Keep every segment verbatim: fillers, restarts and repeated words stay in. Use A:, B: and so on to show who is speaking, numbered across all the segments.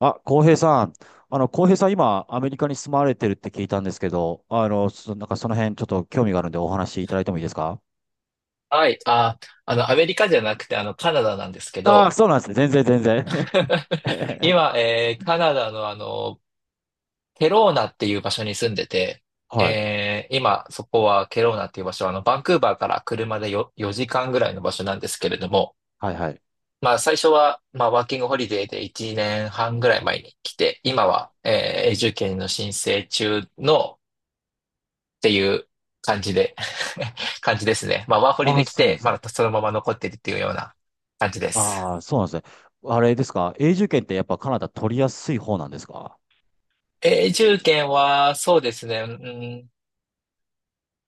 A: あ、浩平さん。あの、浩平さん、今、アメリカに住まれてるって聞いたんですけど、あの、そ、なんかその辺、ちょっと興味があるんでお話いただいてもいいですか？
B: はい。あ、あの、アメリカじゃなくて、あの、カナダなんですけ
A: ああ、
B: ど、
A: そうなんですね。全然、全然。
B: 今、えーカナダのあの、ケローナっていう場所に住んでて、
A: はい。
B: えー今、そこはケローナっていう場所は、あの、バンクーバーから車でよよじかんぐらいの場所なんですけれども、
A: はい、はい。
B: まあ、最初は、まあ、ワーキングホリデーでいちねんはんぐらい前に来て、今は、えー永住権の申請中のっていう感じで 感じですね。まあ、ワーホリ
A: ああ、
B: で来
A: そうなん
B: て、
A: ですね。
B: まだそのまま残ってるっていうような感じです。
A: ああ、そうなんですね。あれですか？永住権ってやっぱカナダ取りやすい方なんですか？
B: 永住権は、そうですね。うん、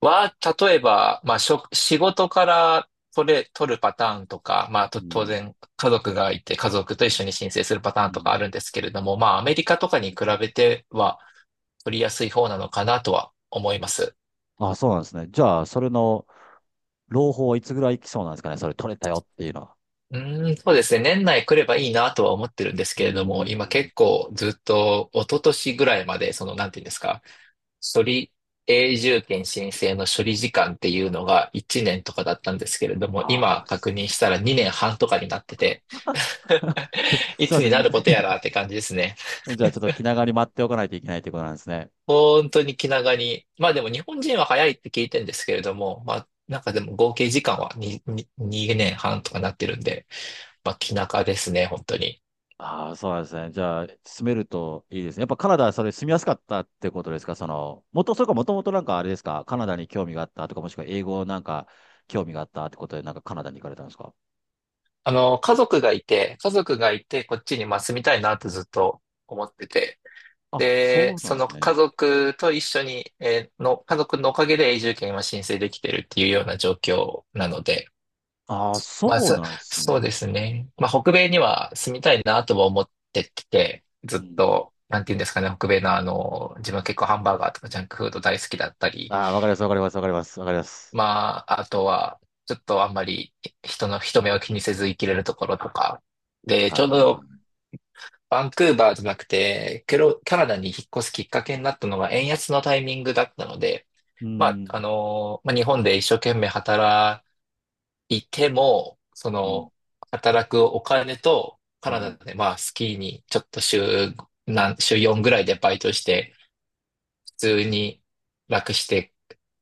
B: は、例えば、まあ、しょ、仕事から取れ、取るパターンとか、まあ、と、
A: う
B: 当
A: ん。
B: 然、家族がいて、家族と一緒に申請するパタ
A: う
B: ーンとかあ
A: ん。
B: るんですけれども、まあ、アメリカとかに比べては、取りやすい方なのかなとは思います。
A: ああ、そうなんですね。じゃあ、それの、朗報はいつぐらい来そうなんですかね？それ取れたよっていうのは。
B: うーん、そうですね。年内来ればいいなとは思ってるんです
A: うー
B: けれども、今
A: ん。
B: 結構ずっと、一昨年ぐらいまで、その、なんていうんですか、処理永住権申請の処理時間っていうのがいちねんとかだったんですけれども、
A: あ
B: 今
A: あ、
B: 確
A: す
B: 認したらにねんはんとかになってて、い
A: すい
B: つ
A: ませ
B: にな
A: ん。
B: ることやらって感じですね。
A: じゃあちょっと気長に待っておかないといけないということなんですね。
B: 本当に気長に。まあでも日本人は早いって聞いてるんですけれども、まあなんかでも合計時間はに、に年半とかなってるんで、まあ気長ですね、本当に。
A: ああ、そうなんですね。じゃあ、住めるといいですね。やっぱカナダはそれ住みやすかったってことですか？その、もと、それかもともとなんかあれですか？カナダに興味があったとか、もしくは英語なんか興味があったってことで、なんかカナダに行かれたんですか？
B: あの、家族がいて、家族がいて、こっちにまあ住みたいなってずっと思ってて、
A: あ、
B: で、
A: そうな
B: そ
A: んで
B: の
A: す
B: 家
A: ね。
B: 族と一緒に、えーの、家族のおかげで永住権は申請できてるっていうような状況なので、
A: ああ、
B: まあ、
A: そう
B: そ、
A: なんです
B: そう
A: ね。
B: ですね。まあ、北米には住みたいなとは思ってて、
A: う
B: ずっ
A: ん。
B: と、なんていうんですかね、北米のあの、自分は結構ハンバーガーとかジャンクフード大好きだったり、
A: ああ、わかります、わかります、わかります、わかります。
B: まあ、あとは、ちょっとあんまり人の人目を気にせず生きれるところとか、で、ち
A: あ
B: ょ
A: あ、
B: う
A: まあ。
B: どバンクーバーじゃなくて、ケロ、カナダに引っ越すきっかけになったのは円安のタイミングだったので、
A: う
B: まあ、あ
A: ん、
B: のーまあ、日本で一生懸命働いても、そ
A: うん、
B: の、働くお金と、カ
A: う
B: ナダ
A: ん、
B: で、まあ、スキーにちょっと週、なん、週よんぐらいでバイトして、通に楽して、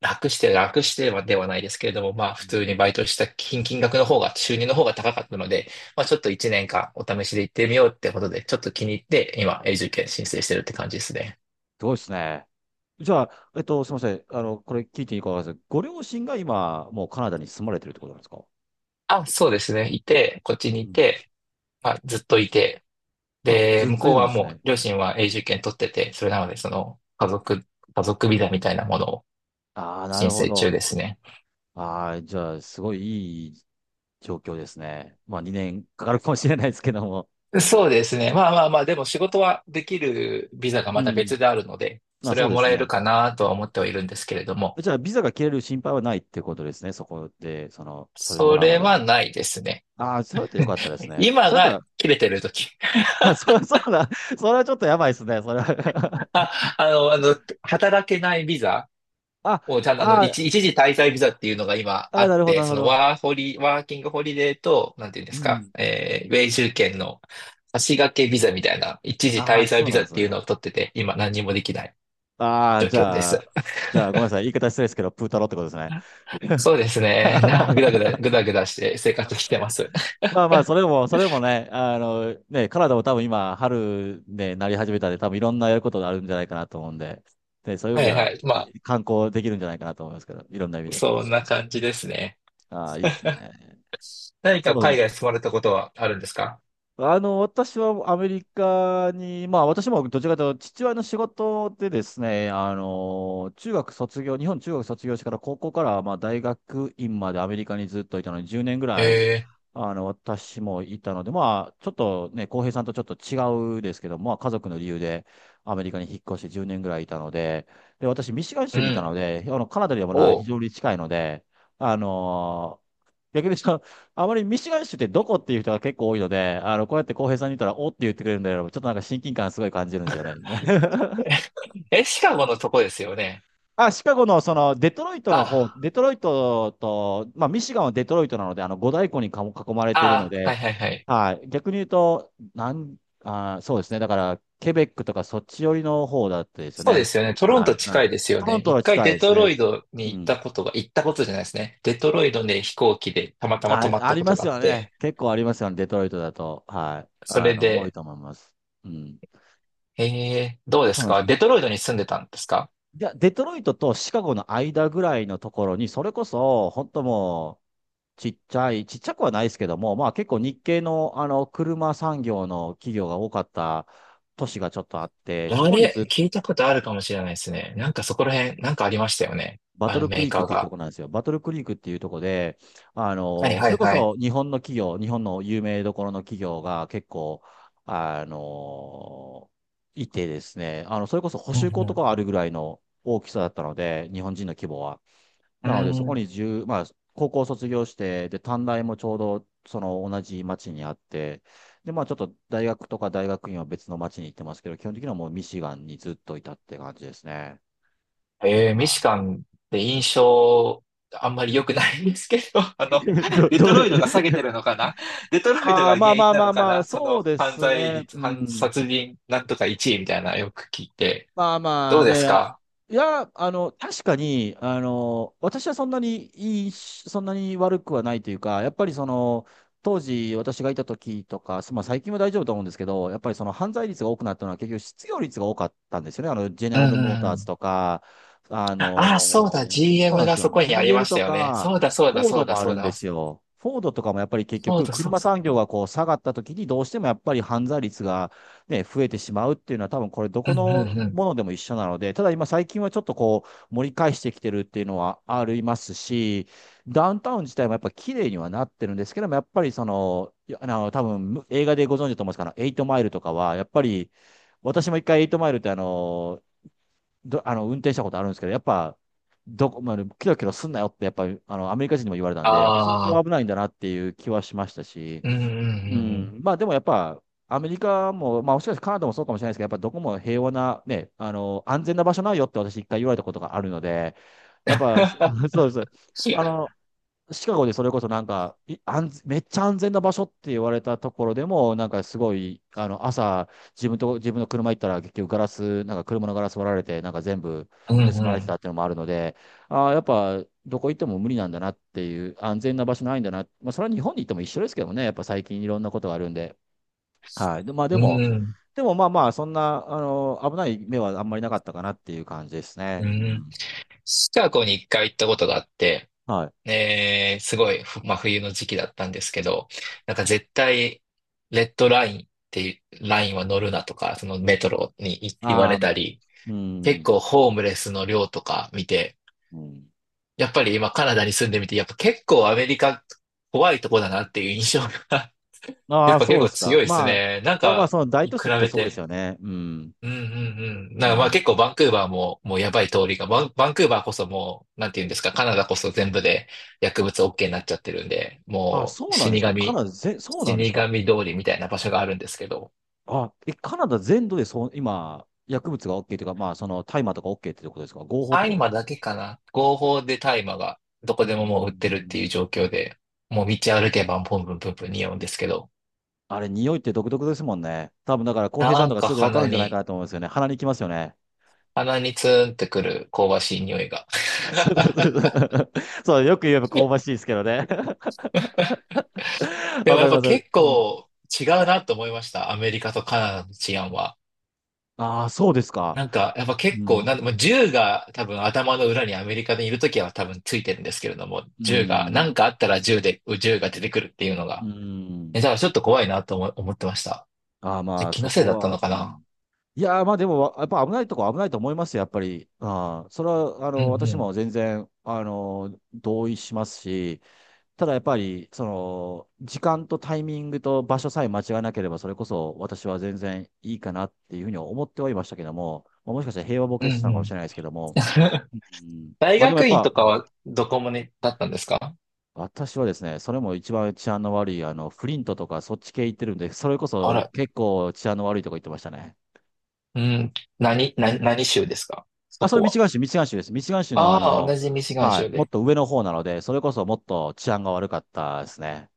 B: 楽して、楽してはではないですけれども、まあ
A: う
B: 普通に
A: ん。
B: バイトした金、金額の方が、収入の方が高かったので、まあちょっといちねんかんお試しで行ってみようってことで、ちょっと気に入って今永住権申請してるって感じですね。
A: すごいですね。じゃあ、えっと、すみません。あの、これ聞いていいかわかりません。ご両親が今、もうカナダに住まれてるってことなんですか？
B: あ、そうですね。いて、こっちに
A: う
B: い
A: ん。
B: て、まあずっといて、
A: あ、
B: で、
A: ずっ
B: 向
A: と
B: こ
A: い
B: う
A: るん
B: は
A: です
B: も
A: ね。
B: う両親は永住権取ってて、それなのでその家族、家族ビザみたいなものを
A: ああ、な
B: 申
A: るほ
B: 請中
A: ど。
B: ですね。
A: ああ、じゃあ、すごいいい状況ですね。まあ、にねんかかるかもしれないですけども。
B: そうですね。まあまあまあ、でも仕事はできるビザが
A: う
B: また
A: ん。
B: 別であるので、そ
A: あ、
B: れ
A: そ
B: は
A: うで
B: も
A: す
B: らえる
A: ね。
B: かなとは思ってはいるんですけれども、
A: じゃあ、ビザが切れる心配はないってことですね。そこで、その、それも
B: そ
A: らうま
B: れ
A: では。
B: はないですね。
A: ああ、それだったらよかったですね。
B: 今
A: それだっ
B: が
A: た
B: 切れてる時。
A: ら、あ、そう、そうだ。それはちょっとやばいですね。それ は
B: あ、あの、あの、働けないビザ
A: あ、
B: をちゃんとあの、
A: あ
B: 一、
A: ー
B: 一時滞在ビザっていうのが今
A: あ
B: あ
A: ー、
B: っ
A: なるほど、
B: て、
A: なる
B: そ
A: ほ
B: の
A: ど。
B: ワーホリ、ワーキングホリデーと、なんていうんで
A: う
B: すか、
A: ん。
B: えー、永住権の足掛けビザみたいな、一時
A: ああ、
B: 滞在
A: そう
B: ビ
A: な
B: ザ
A: んで
B: っ
A: す
B: ていうの
A: ね。
B: を取ってて、今何にもできない
A: ああ、
B: 状
A: じ
B: 況で
A: ゃあ、
B: す。
A: じゃあ、ごめんなさい。言い方失礼ですけど、プータローってことですね。
B: そうですね。な、ぐだぐ だ、ぐだぐだして生活してます。
A: まあまあ、それも、それもね、あの、ね、カナダも多分今、春で、なり始めたんで、多分いろんなやることがあるんじゃないかなと思うんで、で、そうい う意
B: は
A: 味で
B: い
A: は、
B: はい。まあ、
A: い観光できるんじゃないかなと思いますけど、いろんな意味で。
B: そんな感じですね。
A: ああ、いいですね。
B: 何
A: そ
B: か
A: う、
B: 海外住まれたことはあるんですか？
A: あの、私はアメリカに、まあ私もどちらかというと父親の仕事でですね、あの、中学卒業、日本中学卒業してから高校からまあ大学院までアメリカにずっといたのにじゅうねんぐらい
B: ええ、
A: あの、私もいたので、まあ、ちょっとね、浩平さんとちょっと違うですけど、まあ、家族の理由でアメリカに引っ越してじゅうねんぐらいいたので、で、私、ミシガン
B: ー
A: 州
B: う
A: にいた
B: ん。
A: ので、あの、カナダでもな、
B: お
A: 非
B: う。
A: 常に近いので、あのー逆にその、あまりミシガン州ってどこっていう人が結構多いので、あの、こうやって浩平さんに言ったら、おって言ってくれるんだけど、ちょっとなんか親近感すごい感じるんですよね。
B: え、シカゴのとこですよね。
A: あ、シカゴの、その、デトロイトの方、
B: あ、
A: デトロイトと、まあ、ミシガンはデトロイトなので、あの、五大湖にかも囲まれているの
B: あ、はい
A: で、
B: はいはい。
A: はい、逆に言うと、なん、あー、そうですね。だから、ケベックとかそっち寄りの方だったですよ
B: そうで
A: ね。
B: すよね。トロン
A: は
B: ト
A: い。う
B: 近
A: ん。
B: いですよ
A: トロ
B: ね。
A: ント
B: 一
A: は
B: 回
A: 近い
B: デ
A: です
B: トロ
A: ね。
B: イト
A: う
B: に行っ
A: ん。
B: たことが、行ったことじゃないですね。デトロイトで飛行機でたまたま
A: あ、
B: 泊まっ
A: あ
B: た
A: り
B: こ
A: ま
B: と
A: す
B: があっ
A: よね。
B: て、
A: 結構ありますよね。デトロイトだと。はい。
B: そ
A: あ
B: れ
A: の、多い
B: で、
A: と思います。うん。
B: ええどうで
A: そ
B: す
A: うなんで
B: か
A: す。
B: デトロイトに住んでたんですか？
A: で、デトロイトとシカゴの間ぐらいのところに、それこそ、本当もちっちゃい、ちっちゃくはないですけども、まあ結構日系のあの車産業の企業が多かった都市がちょっとあって、そ
B: あ
A: こにずっ
B: れ、
A: と
B: 聞いたことあるかもしれないですね。なんかそこら辺、なんかありましたよね。
A: バ
B: あ
A: ト
B: の
A: ルク
B: メー
A: リークっ
B: カー
A: ていうと
B: が。
A: こなんですよ。バトルクリークっていうとこで、あ
B: はい
A: の、
B: は
A: そ
B: い
A: れこ
B: はい。
A: そ日本の企業、日本の有名どころの企業が結構、あの、いてですね、あの、それこそ補
B: う
A: 修
B: ん
A: 校と
B: う
A: かあるぐらいの大きさだったので、日本人の規模は。
B: ん。う
A: なので、そ
B: ー
A: こ
B: ん。
A: に十まあ、高校卒業して、で、短大もちょうど、その同じ町にあって、で、まあ、ちょっと大学とか大学院は別の町に行ってますけど、基本的にはもうミシガンにずっといたって感じですね。
B: えー、ミシ
A: あ
B: ガンって印象、あんまり良くないんですけど、あの、
A: ど、
B: デ
A: ど
B: トロ
A: う、
B: イトが下げて るのかな？デトロイト
A: ああ、
B: が
A: まあ
B: 原因
A: まあ
B: な
A: ま
B: の
A: あ
B: か
A: まあ、
B: な？そ
A: そ
B: の
A: うで
B: 犯
A: す
B: 罪
A: ね。
B: 率、
A: う
B: 犯
A: ん。
B: 殺人なんとかいちいみたいなよく聞いて。
A: まあま
B: どう
A: あ、
B: です
A: で、あ
B: か？
A: いや、あの、確かに、あの、私はそんなにいいし、そんなに悪くはないというか、やっぱりその、当時私がいた時とか、まあ最近は大丈夫と思うんですけど、やっぱりその犯罪率が多くなったのは結局失業率が多かったんですよね。あの、ジェネ
B: うん
A: ラ
B: う
A: ルモー
B: んう
A: ターズ
B: ん。
A: とか、あ
B: ああ、そう
A: の、
B: だ、
A: そうな
B: ジーエム
A: んで
B: が
A: すよ。
B: そこにありま
A: ジーエム
B: し
A: と
B: たよね。
A: か、
B: そうだそうだ
A: フォー
B: そ
A: ド
B: うだ
A: もあ
B: そう
A: るんで
B: だ。
A: すよ。フォードとかもやっぱり結
B: そう
A: 局
B: だそう
A: 車
B: そう
A: 産
B: そ
A: 業
B: う
A: がこう下がった時にどうしてもやっぱり犯罪率がね、増えてしまうっていうのは、多分これ、どこ
B: だ。うん
A: の
B: うん。
A: ものでも一緒なので、ただ今、最近はちょっとこう、盛り返してきてるっていうのはありますし、ダウンタウン自体もやっぱ綺麗にはなってるんですけども、やっぱりその、いやあの、多分映画でご存知だと思うんですから、エイトマイルとかは、やっぱり、私も一回エイトマイルってあの、ど、あの、運転したことあるんですけど、やっぱ、どこまで、キロキロすんなよって、やっぱり、あの、アメリカ人にも言われたんで、やっぱ相
B: ああ、
A: 当危ないんだなっていう気はしましたし、
B: うんうんう
A: う
B: んうん。
A: ん、まあでもやっぱ、アメリカも、まあもしかしてカナダもそうかもしれないですけど、やっぱどこも平和な、ね、あの、安全な場所ないよって私一回言われたことがあるので、やっぱ、そ そうです。あの、シカゴでそれこそなんか、い安全めっちゃ安全な場所って言われたところでも、なんかすごい、あの、朝、自分と、自分の車行ったら結局ガラス、なんか車のガラス割られて、なんか全部
B: うん
A: 盗
B: う
A: まれてた
B: ん。
A: っていうのもあるので、ああ、やっぱ、どこ行っても無理なんだなっていう、安全な場所ないんだな。まあ、それは日本に行っても一緒ですけどね、やっぱ最近いろんなことがあるんで。はい。で、まあで
B: う
A: も、
B: ん
A: でもまあまあ、そんな、あの、危ない目はあんまりなかったかなっていう感じです
B: う
A: ね。う
B: ん。
A: ん。
B: シカゴに一回行ったことがあって、
A: はい。
B: えー、すごい、ふま冬の時期だったんですけど、なんか絶対、レッドラインっていうラインは乗るなとか、そのメトロにい言わ
A: あ
B: れ
A: あ、
B: たり、
A: う
B: 結
A: ん。
B: 構ホームレスの量とか見て、
A: うん。
B: やっぱり今カナダに住んでみて、やっぱ結構アメリカ怖いとこだなっていう印象が や
A: あ
B: っ
A: あ、
B: ぱ結
A: そうで
B: 構
A: す
B: 強
A: か。
B: いです
A: まあ、
B: ね。なん
A: まあまあ、
B: か、
A: その大
B: 比
A: 都市行くと
B: べ
A: そうです
B: て。
A: よね。うん。
B: うんうんうん。
A: う
B: なんかまあ
A: ん。
B: 結構バンクーバーももうやばい通りが、バン、バンクーバーこそもう、なんて言うんですか、カナダこそ全部で薬物 OK になっちゃってるんで、
A: あ、
B: もう
A: そうなんで
B: 死
A: すか。カ
B: 神、
A: ナダぜ、そうなんです
B: 死
A: か。
B: 神通りみたいな場所があるんですけど、
A: あ、え、カナダ全土でそう、今、薬物が OK というか、まあ、その大麻とか OK ってことですか？合法ってこ
B: 大
A: とで
B: 麻
A: すか？
B: だけかな。合法で大麻がどこで
A: うー
B: ももう売ってるって
A: ん
B: いう状況で、もう道歩けばポンプンプンプン匂うんですけど、
A: あれ、匂いって独特ですもんね。多分だから、浩平
B: な
A: さん
B: ん
A: とか
B: か
A: すぐわかる
B: 鼻
A: んじゃないか
B: に、
A: なと思うんですよね。鼻にきますよね。
B: 鼻にツーンってくる香ばしい匂いが
A: そうそう そうそうそうよく言えば香ばしいですけどね。
B: で
A: わ
B: も
A: か
B: やっ
A: り
B: ぱ
A: ます。う
B: 結
A: ん。
B: 構違うなと思いました。アメリカとカナダの治安は。
A: ああ、そうですか。
B: なんか、やっぱ
A: う
B: 結構、
A: ん。
B: なん、まあ銃が多分頭の裏にアメリカでいるときは多分ついてるんですけれども、
A: う
B: 銃が、な
A: ん。
B: んかあったら銃で、銃が出てくるっていうの
A: う
B: が。
A: ん。
B: え、だからちょっと怖いなと思、思ってました。
A: ああ、
B: え、
A: まあ、
B: 気の
A: そ
B: せい
A: こ
B: だった
A: は、
B: のか
A: う
B: な？
A: ん。いやー、まあでも、わやっぱ危ないとこ危ないと思いますよ、やっぱり。ああ、それは、あ
B: うん
A: の、私
B: う
A: も
B: ん。
A: 全然、あの、同意しますし、ただやっぱり、その、時間とタイミングと場所さえ間違えなければ、それこそ私は全然いいかなっていうふうに思ってはいましたけども、まあもしかしたら平和ボ
B: う
A: ケ
B: んう
A: してたのかもし
B: ん。
A: れないですけども、うん、
B: 大
A: まあでもや
B: 学
A: っ
B: 院
A: ぱ、
B: とかはどこもね、だったんですか？
A: 私はですね、それも一番治安の悪い、あの、フリントとかそっち系行ってるんで、それこ
B: あ
A: そ
B: ら、
A: 結構治安の悪いとこ行ってましたね。
B: うん、何、何、何州ですかそ
A: あ、それ
B: こ
A: ミシ
B: は？
A: ガン州、ミシガン州です。ミシガン州のあ
B: ああ、
A: の、
B: 同じミシガン
A: はい、
B: 州
A: もっ
B: で。
A: と上の方なので、それこそもっと治安が悪かったですね。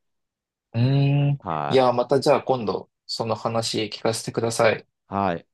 B: うーん。い
A: は
B: や、
A: い。
B: またじゃあ今度、その話聞かせてください。
A: はい。